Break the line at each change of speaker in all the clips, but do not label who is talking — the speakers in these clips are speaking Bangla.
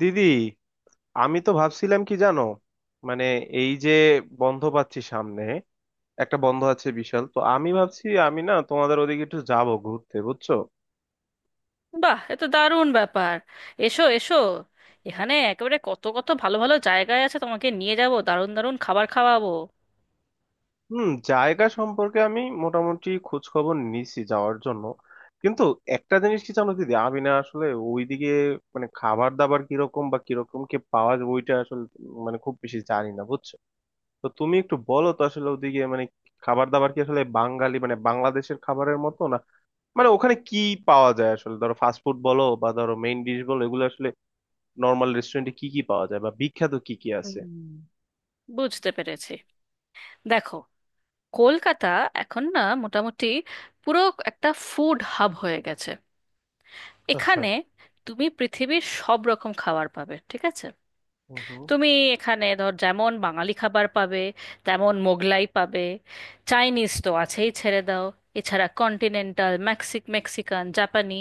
দিদি, আমি তো ভাবছিলাম কি জানো, মানে এই যে বন্ধ পাচ্ছি সামনে, একটা বন্ধ আছে বিশাল, তো আমি ভাবছি আমি না তোমাদের ওদিকে একটু যাব ঘুরতে, বুঝছো।
বাহ, এ তো দারুণ ব্যাপার! এসো, এসো। এখানে একেবারে কত কত ভালো ভালো জায়গায় আছে, তোমাকে নিয়ে যাব, দারুণ দারুণ খাবার খাওয়াবো।
হুম, জায়গা সম্পর্কে আমি মোটামুটি খোঁজ খবর নিছি যাওয়ার জন্য, কিন্তু একটা জিনিস কি জানো দিদি, আমি না আসলে ওইদিকে মানে খাবার দাবার কিরকম বা কিরকম কি পাওয়া যায় ওইটা আসলে মানে খুব বেশি জানি না, বুঝছো। তো তুমি একটু বলো তো আসলে ওদিকে মানে খাবার দাবার কি আসলে বাঙালি মানে বাংলাদেশের খাবারের মতো, মানে ওখানে কি পাওয়া যায় আসলে? ধরো ফাস্টফুড বলো বা ধরো মেইন ডিশ বলো, এগুলো আসলে নর্মাল রেস্টুরেন্টে কি কি পাওয়া যায় বা বিখ্যাত কি কি আছে?
হুম। বুঝতে পেরেছি। দেখো, কলকাতা এখন না মোটামুটি পুরো একটা ফুড হাব হয়ে গেছে
আচ্ছা।
এখানে। তুমি পৃথিবীর সব রকম খাবার পাবে, ঠিক আছে?
হুম, হুম।
তুমি এখানে ধর, যেমন বাঙালি খাবার পাবে, তেমন মোগলাই পাবে, চাইনিজ তো আছেই, ছেড়ে দাও। এছাড়া কন্টিনেন্টাল, মেক্সিকান, জাপানি,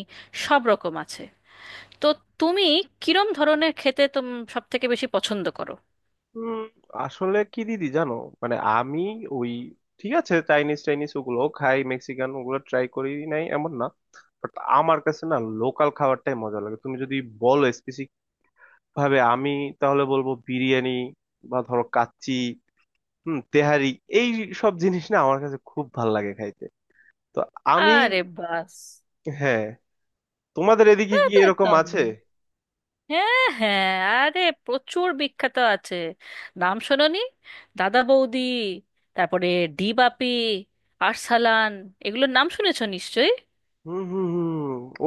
সব রকম আছে। তো তুমি কিরম ধরনের খেতে তুমি সব থেকে বেশি পছন্দ করো?
উম, আসলে কি দিদি জানো, মানে আমি ওই, ঠিক আছে চাইনিজ চাইনিজ ওগুলো খাই, মেক্সিকান ওগুলো ট্রাই করি নাই এমন না, বাট আমার কাছে না লোকাল খাবারটাই মজা লাগে। তুমি যদি বলো স্পেসিফিক ভাবে, আমি তাহলে বলবো বিরিয়ানি, বা ধরো কাচ্চি, হুম তেহারি, এই সব জিনিস না আমার কাছে খুব ভাল লাগে খাইতে। তো আমি,
আরে বাস!
হ্যাঁ, তোমাদের
তা
এদিকে কি
তো
এরকম
একদম।
আছে?
হ্যাঁ, হ্যাঁ, আরে প্রচুর বিখ্যাত আছে। নাম শোনোনি? দাদা বৌদি, তারপরে ডি বাপি, আরসালান এগুলোর নাম শুনেছো নিশ্চয়ই।
হুম, হুম, হুম।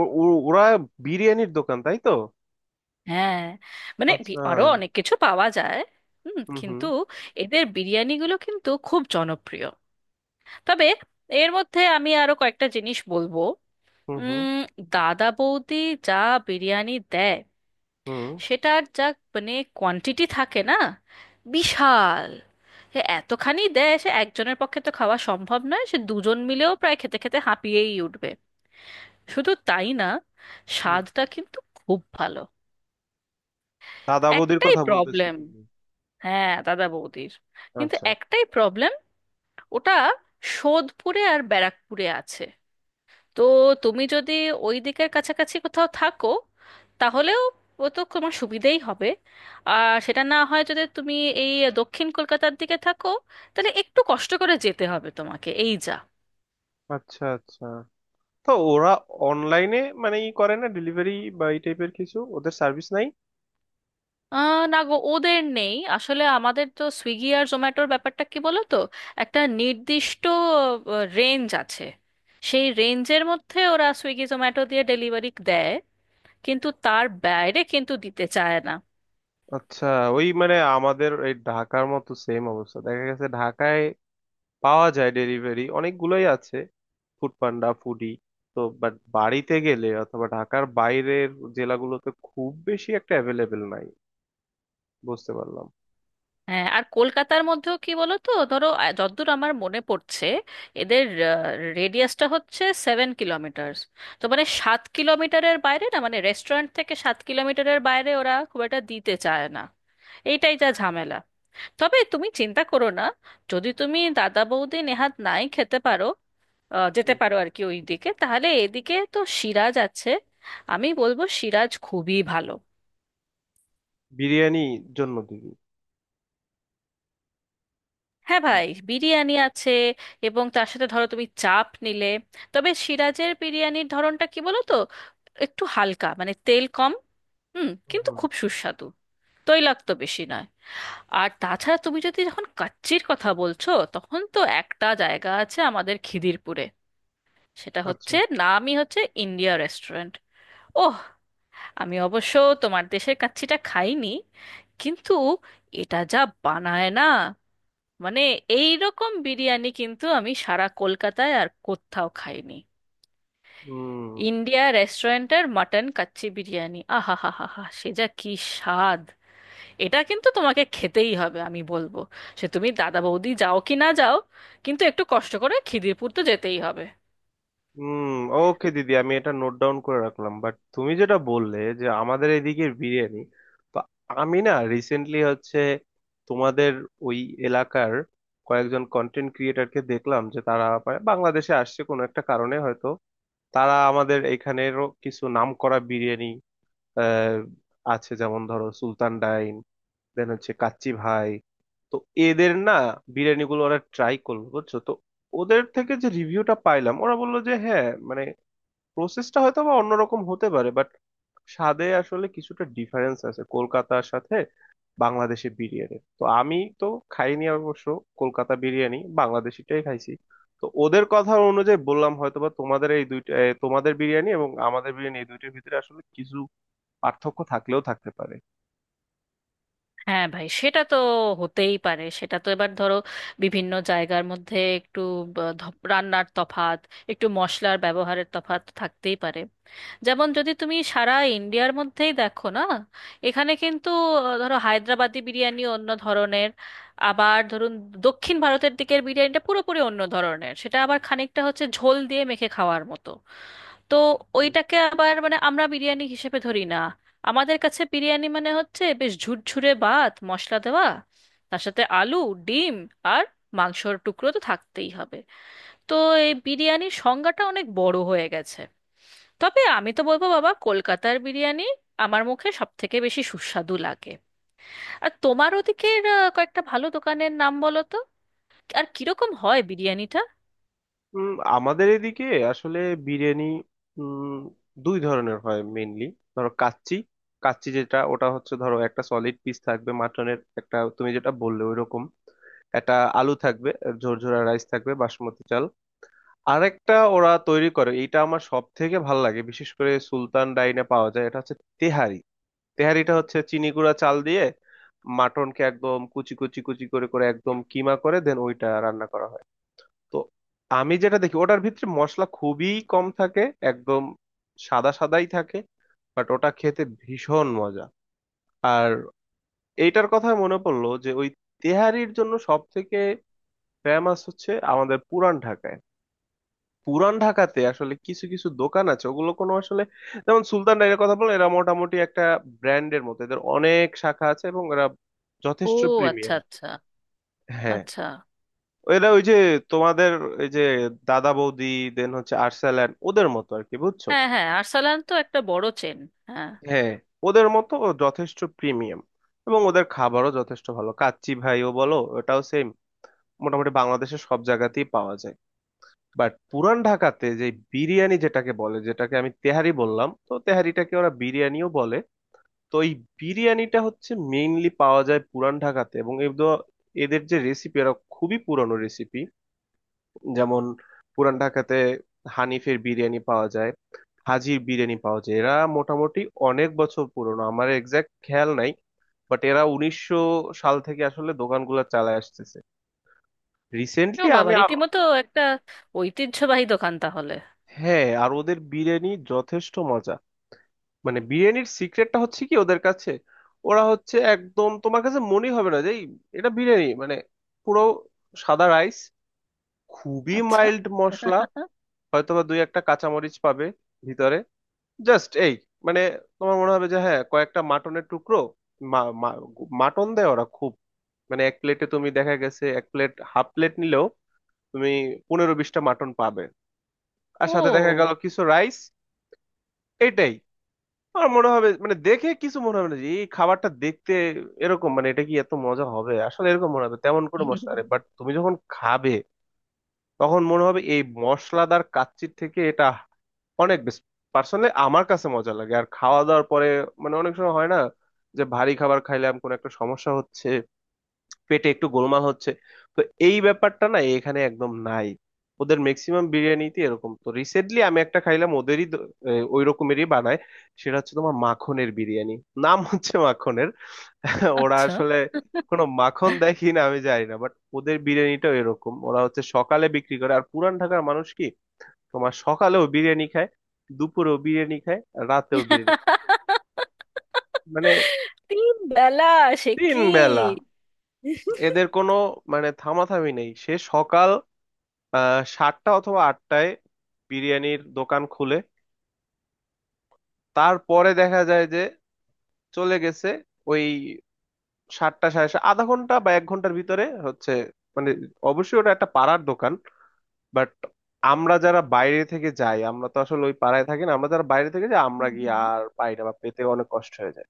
ওরা বিরিয়ানির দোকান তাই তো?
হ্যাঁ, মানে
আচ্ছা।
আরো অনেক কিছু পাওয়া যায়। হুম,
হুম, হুম,
কিন্তু এদের বিরিয়ানিগুলো কিন্তু খুব জনপ্রিয়। তবে এর মধ্যে আমি আরো কয়েকটা জিনিস বলবো।
হুম, হুম,
উম দাদা বৌদি যা বিরিয়ানি দেয়,
হুম,
সেটার যা মানে কোয়ান্টিটি থাকে না, বিশাল! সে এতখানি দেয়, সে একজনের পক্ষে তো খাওয়া সম্ভব নয়, সে দুজন মিলেও প্রায় খেতে খেতে হাঁপিয়েই উঠবে। শুধু তাই না,
হুম।
স্বাদটা কিন্তু খুব ভালো।
দাদা বৌদির
একটাই
কথা বলতেছো
প্রবলেম,
তুমি?
হ্যাঁ দাদা বৌদির, কিন্তু
আচ্ছা,
একটাই প্রবলেম, ওটা সোদপুরে আর ব্যারাকপুরে আছে। তো তুমি যদি ওই দিকের কাছাকাছি কোথাও থাকো, তাহলেও ও তো তোমার সুবিধেই হবে। আর সেটা না হয়, যদি তুমি এই দক্ষিণ কলকাতার দিকে থাকো, তাহলে একটু কষ্ট করে যেতে হবে তোমাকে, এই যা।
আচ্ছা, আচ্ছা। তো ওরা অনলাইনে মানে ই করে না ডেলিভারি বা এই টাইপের কিছু, ওদের সার্ভিস নাই?
আহ না গো, ওদের নেই আসলে। আমাদের তো সুইগি আর জোম্যাটোর ব্যাপারটা কি বলো তো, একটা নির্দিষ্ট রেঞ্জ আছে, সেই রেঞ্জের মধ্যে ওরা সুইগি জোম্যাটো দিয়ে ডেলিভারি দেয়, কিন্তু তার বাইরে কিন্তু দিতে চায় না।
আচ্ছা। ওই মানে আমাদের এই ঢাকার মতো সেম অবস্থা, দেখা গেছে ঢাকায় পাওয়া যায় ডেলিভারি, অনেকগুলোই আছে, ফুড পান্ডা, ফুডি। তো বাট বাড়িতে গেলে অথবা ঢাকার বাইরের জেলাগুলোতে খুব বেশি একটা অ্যাভেলেবেল নাই। বুঝতে পারলাম।
হ্যাঁ, আর কলকাতার মধ্যেও কি বলো তো, ধরো, যতদূর আমার মনে পড়ছে, এদের রেডিয়াসটা হচ্ছে 7 কিলোমিটার। তো মানে 7 কিলোমিটারের বাইরে, না মানে রেস্টুরেন্ট থেকে 7 কিলোমিটারের বাইরে ওরা খুব একটা দিতে চায় না। এইটাই যা ঝামেলা। তবে তুমি চিন্তা করো না, যদি তুমি দাদা বৌদি নেহাত নাই খেতে পারো, যেতে
হুম।
পারো আর কি ওই দিকে, তাহলে এদিকে তো সিরাজ আছে। আমি বলবো সিরাজ খুবই ভালো।
বিরিয়ানি জন্য দিবি?
হ্যাঁ ভাই, বিরিয়ানি আছে, এবং তার সাথে ধরো তুমি চাপ নিলে। তবে সিরাজের বিরিয়ানির ধরনটা কি বলো তো, একটু হালকা, মানে তেল কম, হুম, কিন্তু
হুম।
খুব সুস্বাদু, তৈলাক্ত বেশি নয়। আর তাছাড়া তুমি যদি, যখন কাচ্চির কথা বলছো, তখন তো একটা জায়গা আছে আমাদের খিদিরপুরে, সেটা
আচ্ছা।
হচ্ছে, নামই হচ্ছে ইন্ডিয়া রেস্টুরেন্ট। ওহ, আমি অবশ্য তোমার দেশের কাচ্চিটা খাইনি, কিন্তু এটা যা বানায় না, মানে এই রকম বিরিয়ানি কিন্তু আমি সারা কলকাতায় আর কোথাও খাইনি।
হুম,
ইন্ডিয়া রেস্টুরেন্টের মাটন কাচ্চি বিরিয়ানি, আহা হা হা হা, সে যা কি স্বাদ! এটা কিন্তু তোমাকে খেতেই হবে, আমি বলবো। সে তুমি দাদা বৌদি যাও কি না যাও, কিন্তু একটু কষ্ট করে খিদিরপুর তো যেতেই হবে।
হুম। ওকে দিদি, আমি এটা নোট ডাউন করে রাখলাম। বাট তুমি যেটা বললে যে আমাদের এদিকের বিরিয়ানি, তো আমি না রিসেন্টলি হচ্ছে তোমাদের ওই এলাকার কয়েকজন কন্টেন্ট ক্রিয়েটারকে দেখলাম যে তারা বাংলাদেশে আসছে কোনো একটা কারণে, হয়তো তারা আমাদের এখানেরও কিছু নামকরা বিরিয়ানি, আহ আছে যেমন ধরো সুলতান ডাইন, দেন হচ্ছে কাচ্চি ভাই, তো এদের না বিরিয়ানিগুলো ওরা ট্রাই করলো, বুঝছো তো। ওদের থেকে যে রিভিউটা পাইলাম, ওরা বললো যে হ্যাঁ মানে প্রসেসটা হয়তো বা অন্যরকম হতে পারে, বাট স্বাদে আসলে কিছুটা ডিফারেন্স আছে কলকাতার সাথে। বাংলাদেশি বিরিয়ানি তো আমি তো খাইনি অবশ্য, কলকাতা বিরিয়ানি, বাংলাদেশিটাই খাইছি। তো ওদের কথা অনুযায়ী বললাম, হয়তোবা তোমাদের এই দুইটা তোমাদের বিরিয়ানি এবং আমাদের বিরিয়ানি, এই দুইটার ভিতরে আসলে কিছু পার্থক্য থাকলেও থাকতে পারে।
হ্যাঁ ভাই, সেটা তো হতেই পারে, সেটা তো, এবার ধরো, বিভিন্ন জায়গার মধ্যে একটু ব- ধ- রান্নার তফাৎ, একটু মশলার ব্যবহারের তফাৎ থাকতেই পারে। যেমন যদি তুমি সারা ইন্ডিয়ার মধ্যেই দেখো না, এখানে কিন্তু ধরো হায়দ্রাবাদি বিরিয়ানি অন্য ধরনের। আবার ধরুন দক্ষিণ ভারতের দিকের বিরিয়ানিটা পুরোপুরি অন্য ধরনের, সেটা আবার খানিকটা হচ্ছে ঝোল দিয়ে মেখে খাওয়ার মতো। তো ওইটাকে আবার মানে আমরা বিরিয়ানি হিসেবে ধরি না। আমাদের কাছে বিরিয়ানি মানে হচ্ছে বেশ ঝুরঝুরে ভাত মশলা দেওয়া, তার সাথে আলু, ডিম, আর মাংসর টুকরো তো থাকতেই হবে। তো এই বিরিয়ানির সংজ্ঞাটা অনেক বড় হয়ে গেছে। তবে আমি তো বলবো বাবা, কলকাতার বিরিয়ানি আমার মুখে সব থেকে বেশি সুস্বাদু লাগে। আর তোমার ওদিকের কয়েকটা ভালো দোকানের নাম বলো তো, আর কিরকম হয় বিরিয়ানিটা?
উম, আমাদের এদিকে আসলে বিরিয়ানি উম, দুই ধরনের হয় মেইনলি। ধরো কাচ্চি, কাচ্চি যেটা ওটা হচ্ছে ধরো একটা সলিড পিস থাকবে মাটনের, একটা তুমি যেটা বললে ওই রকম, একটা আলু থাকবে, ঝরঝরা রাইস থাকবে, বাসমতি চাল। আরেকটা ওরা তৈরি করে, এইটা আমার সব থেকে ভালো লাগে, বিশেষ করে সুলতান ডাইনে পাওয়া যায়, এটা হচ্ছে তেহারি। তেহারিটা হচ্ছে চিনি গুঁড়া চাল দিয়ে মাটনকে একদম কুচি কুচি কুচি করে করে একদম কিমা করে দেন ওইটা রান্না করা হয়। তো আমি যেটা দেখি ওটার ভিতরে মশলা খুবই কম থাকে, একদম সাদা সাদাই থাকে, বাট ওটা খেতে ভীষণ মজা। আর এইটার কথা মনে পড়লো যে ওই তেহারির জন্য সব থেকে ফেমাস হচ্ছে আমাদের পুরান ঢাকায়। পুরান ঢাকাতে আসলে কিছু কিছু দোকান আছে ওগুলো কোনো আসলে, যেমন সুলতান ডাইরের কথা বললাম, এরা মোটামুটি একটা ব্র্যান্ডের মতো, এদের অনেক শাখা আছে এবং এরা
ও,
যথেষ্ট
আচ্ছা,
প্রিমিয়াম।
আচ্ছা।
হ্যাঁ,
আচ্ছা।
এরা ওই যে তোমাদের এই যে দাদা বৌদি, দেন হচ্ছে আর্সেল্যান্ড, ওদের মতো আর কি, বুঝছো।
হ্যাঁ, হ্যাঁ, আরসালান তো একটা বড় চেন। হ্যাঁ।
হ্যাঁ, ওদের মতো ও যথেষ্ট প্রিমিয়াম এবং ওদের খাবারও যথেষ্ট ভালো। কাচ্চি ভাইও বলো ওটাও সেম, মোটামুটি বাংলাদেশের সব জায়গাতেই পাওয়া যায়। বাট পুরান ঢাকাতে যে বিরিয়ানি যেটাকে বলে, যেটাকে আমি তেহারি বললাম, তো তেহারিটাকে ওরা বিরিয়ানিও বলে। তো এই বিরিয়ানিটা হচ্ছে মেইনলি পাওয়া যায় পুরান ঢাকাতে, এবং এদের এদের যে রেসিপি এরা খুবই পুরানো রেসিপি। যেমন পুরান ঢাকাতে হানিফের বিরিয়ানি পাওয়া যায়, হাজির বিরিয়ানি পাওয়া যায়, এরা মোটামুটি অনেক বছর পুরনো। আমার এক্সাক্ট খেয়াল নাই, বাট এরা 1900 সাল থেকে আসলে দোকানগুলো চালায় আসতেছে।
ও
রিসেন্টলি
বাবা,
আমি আ-
রীতিমতো একটা ঐতিহ্যবাহী দোকান তাহলে।
হ্যাঁ, আর ওদের বিরিয়ানি যথেষ্ট মজা। মানে বিরিয়ানির সিক্রেটটা হচ্ছে কি ওদের কাছে, ওরা হচ্ছে একদম তোমার কাছে মনে হবে না যে এটা বিরিয়ানি, মানে পুরো সাদা রাইস, খুবই
আচ্ছা।
মাইল্ড মশলা, হয়তোবা দুই একটা কাঁচামরিচ পাবে ভিতরে, জাস্ট এই মানে তোমার মনে হবে যে হ্যাঁ কয়েকটা মাটনের টুকরো, মা- মা- মাটন দেয় ওরা খুব মানে এক প্লেটে, তুমি দেখা গেছে এক প্লেট হাফ প্লেট নিলেও তুমি 15-20টা মাটন পাবে, আর সাথে দেখা গেল
ও,
কিছু রাইস। এটাই আমার মনে হবে, মানে দেখে কিছু মনে হবে না যে এই খাবারটা দেখতে এরকম, মানে এটা কি এত মজা হবে আসলে, এরকম মনে হবে তেমন কোনো মশলা নেই, বাট তুমি যখন খাবে তখন মনে হবে এই মশলাদার কাচ্চির থেকে এটা অনেক বেশ পার্সোনালি আমার কাছে মজা লাগে। আর খাওয়া দাওয়ার পরে, মানে অনেক সময় হয় না যে ভারী খাবার খাইলাম কোনো একটা সমস্যা হচ্ছে, পেটে একটু গোলমাল হচ্ছে, তো এই ব্যাপারটা না এখানে একদম নাই, ওদের ম্যাক্সিমাম বিরিয়ানিতে এরকম। তো রিসেন্টলি আমি একটা খাইলাম ওদেরই ওই রকমেরই বানায়, সেটা হচ্ছে তোমার মাখনের বিরিয়ানি, নাম হচ্ছে মাখনের। ওরা
আচ্ছা।
আসলে কোনো মাখন দেখি না, আমি জানি না, বাট ওদের বিরিয়ানিটাও এরকম। ওরা হচ্ছে সকালে বিক্রি করে, আর পুরান ঢাকার মানুষ কি তোমার সকালেও বিরিয়ানি খায়, দুপুরেও বিরিয়ানি খায়, আর রাতেও বিরিয়ানি খায়। মানে
তিন বেলা? সে
তিন
কি!
বেলা, এদের কোনো মানে থামাথামি নেই। সে সকাল 7টা অথবা 8টায় বিরিয়ানির দোকান খুলে, তারপরে দেখা যায় যে চলে গেছে ওই আধা ঘন্টা বা এক ঘন্টার ভিতরে হচ্ছে, মানে অবশ্যই ওটা একটা পাড়ার দোকান, বাট আমরা যারা বাইরে থেকে যাই আমরা তো আসলে ওই পাড়ায় থাকি না, আমরা যারা বাইরে থেকে যাই আমরা
হুম
গিয়ে
হুম।
আর পাই না, বা পেতে অনেক কষ্ট হয়ে যায়।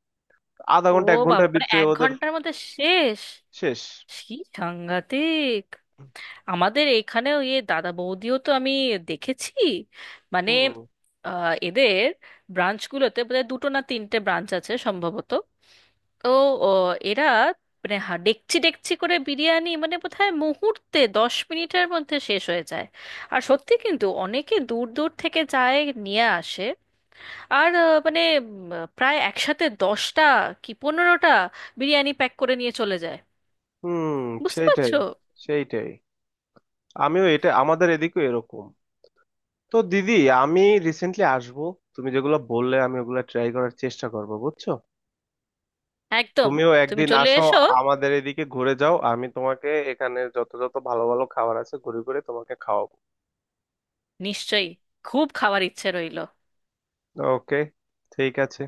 আধা
ও
ঘন্টা এক ঘন্টার
বাবা, মানে
ভিতরে
এক
ওদের
ঘন্টার মধ্যে শেষ?
শেষ।
কি সাংঘাতিক! আমাদের এখানেও ইয়ে দাদা বৌদিও তো আমি দেখেছি। মানে
হুম,
এদের ব্রাঞ্চগুলোতে বোধহয় দুটো না তিনটে ব্রাঞ্চ আছে সম্ভবত। তো, ও, এরা মানে ডেকচি ডেকচি করে বিরিয়ানি, মানে বোধহয় মুহূর্তে 10 মিনিটের মধ্যে শেষ হয়ে যায়। আর সত্যি কিন্তু অনেকে দূর দূর থেকে যায়, নিয়ে আসে। আর মানে প্রায় একসাথে 10টা কি 15টা বিরিয়ানি প্যাক করে নিয়ে চলে যায়,
হুম।
বুঝতে
সেইটাই,
পারছো?
সেইটাই, আমিও এটা আমাদের এদিকেও এরকম। তো দিদি, আমি রিসেন্টলি আসবো, তুমি যেগুলো বললে আমি ওগুলো ট্রাই করার চেষ্টা করবো, বুঝছো।
একদম!
তুমিও
তুমি
একদিন
চলে
আসো
এসো।
আমাদের এদিকে, ঘুরে যাও, আমি তোমাকে এখানে যত যত ভালো ভালো খাবার আছে ঘুরে ঘুরে তোমাকে খাওয়াবো।
নিশ্চয়ই, খুব খাওয়ার ইচ্ছে রইল।
ওকে, ঠিক আছে।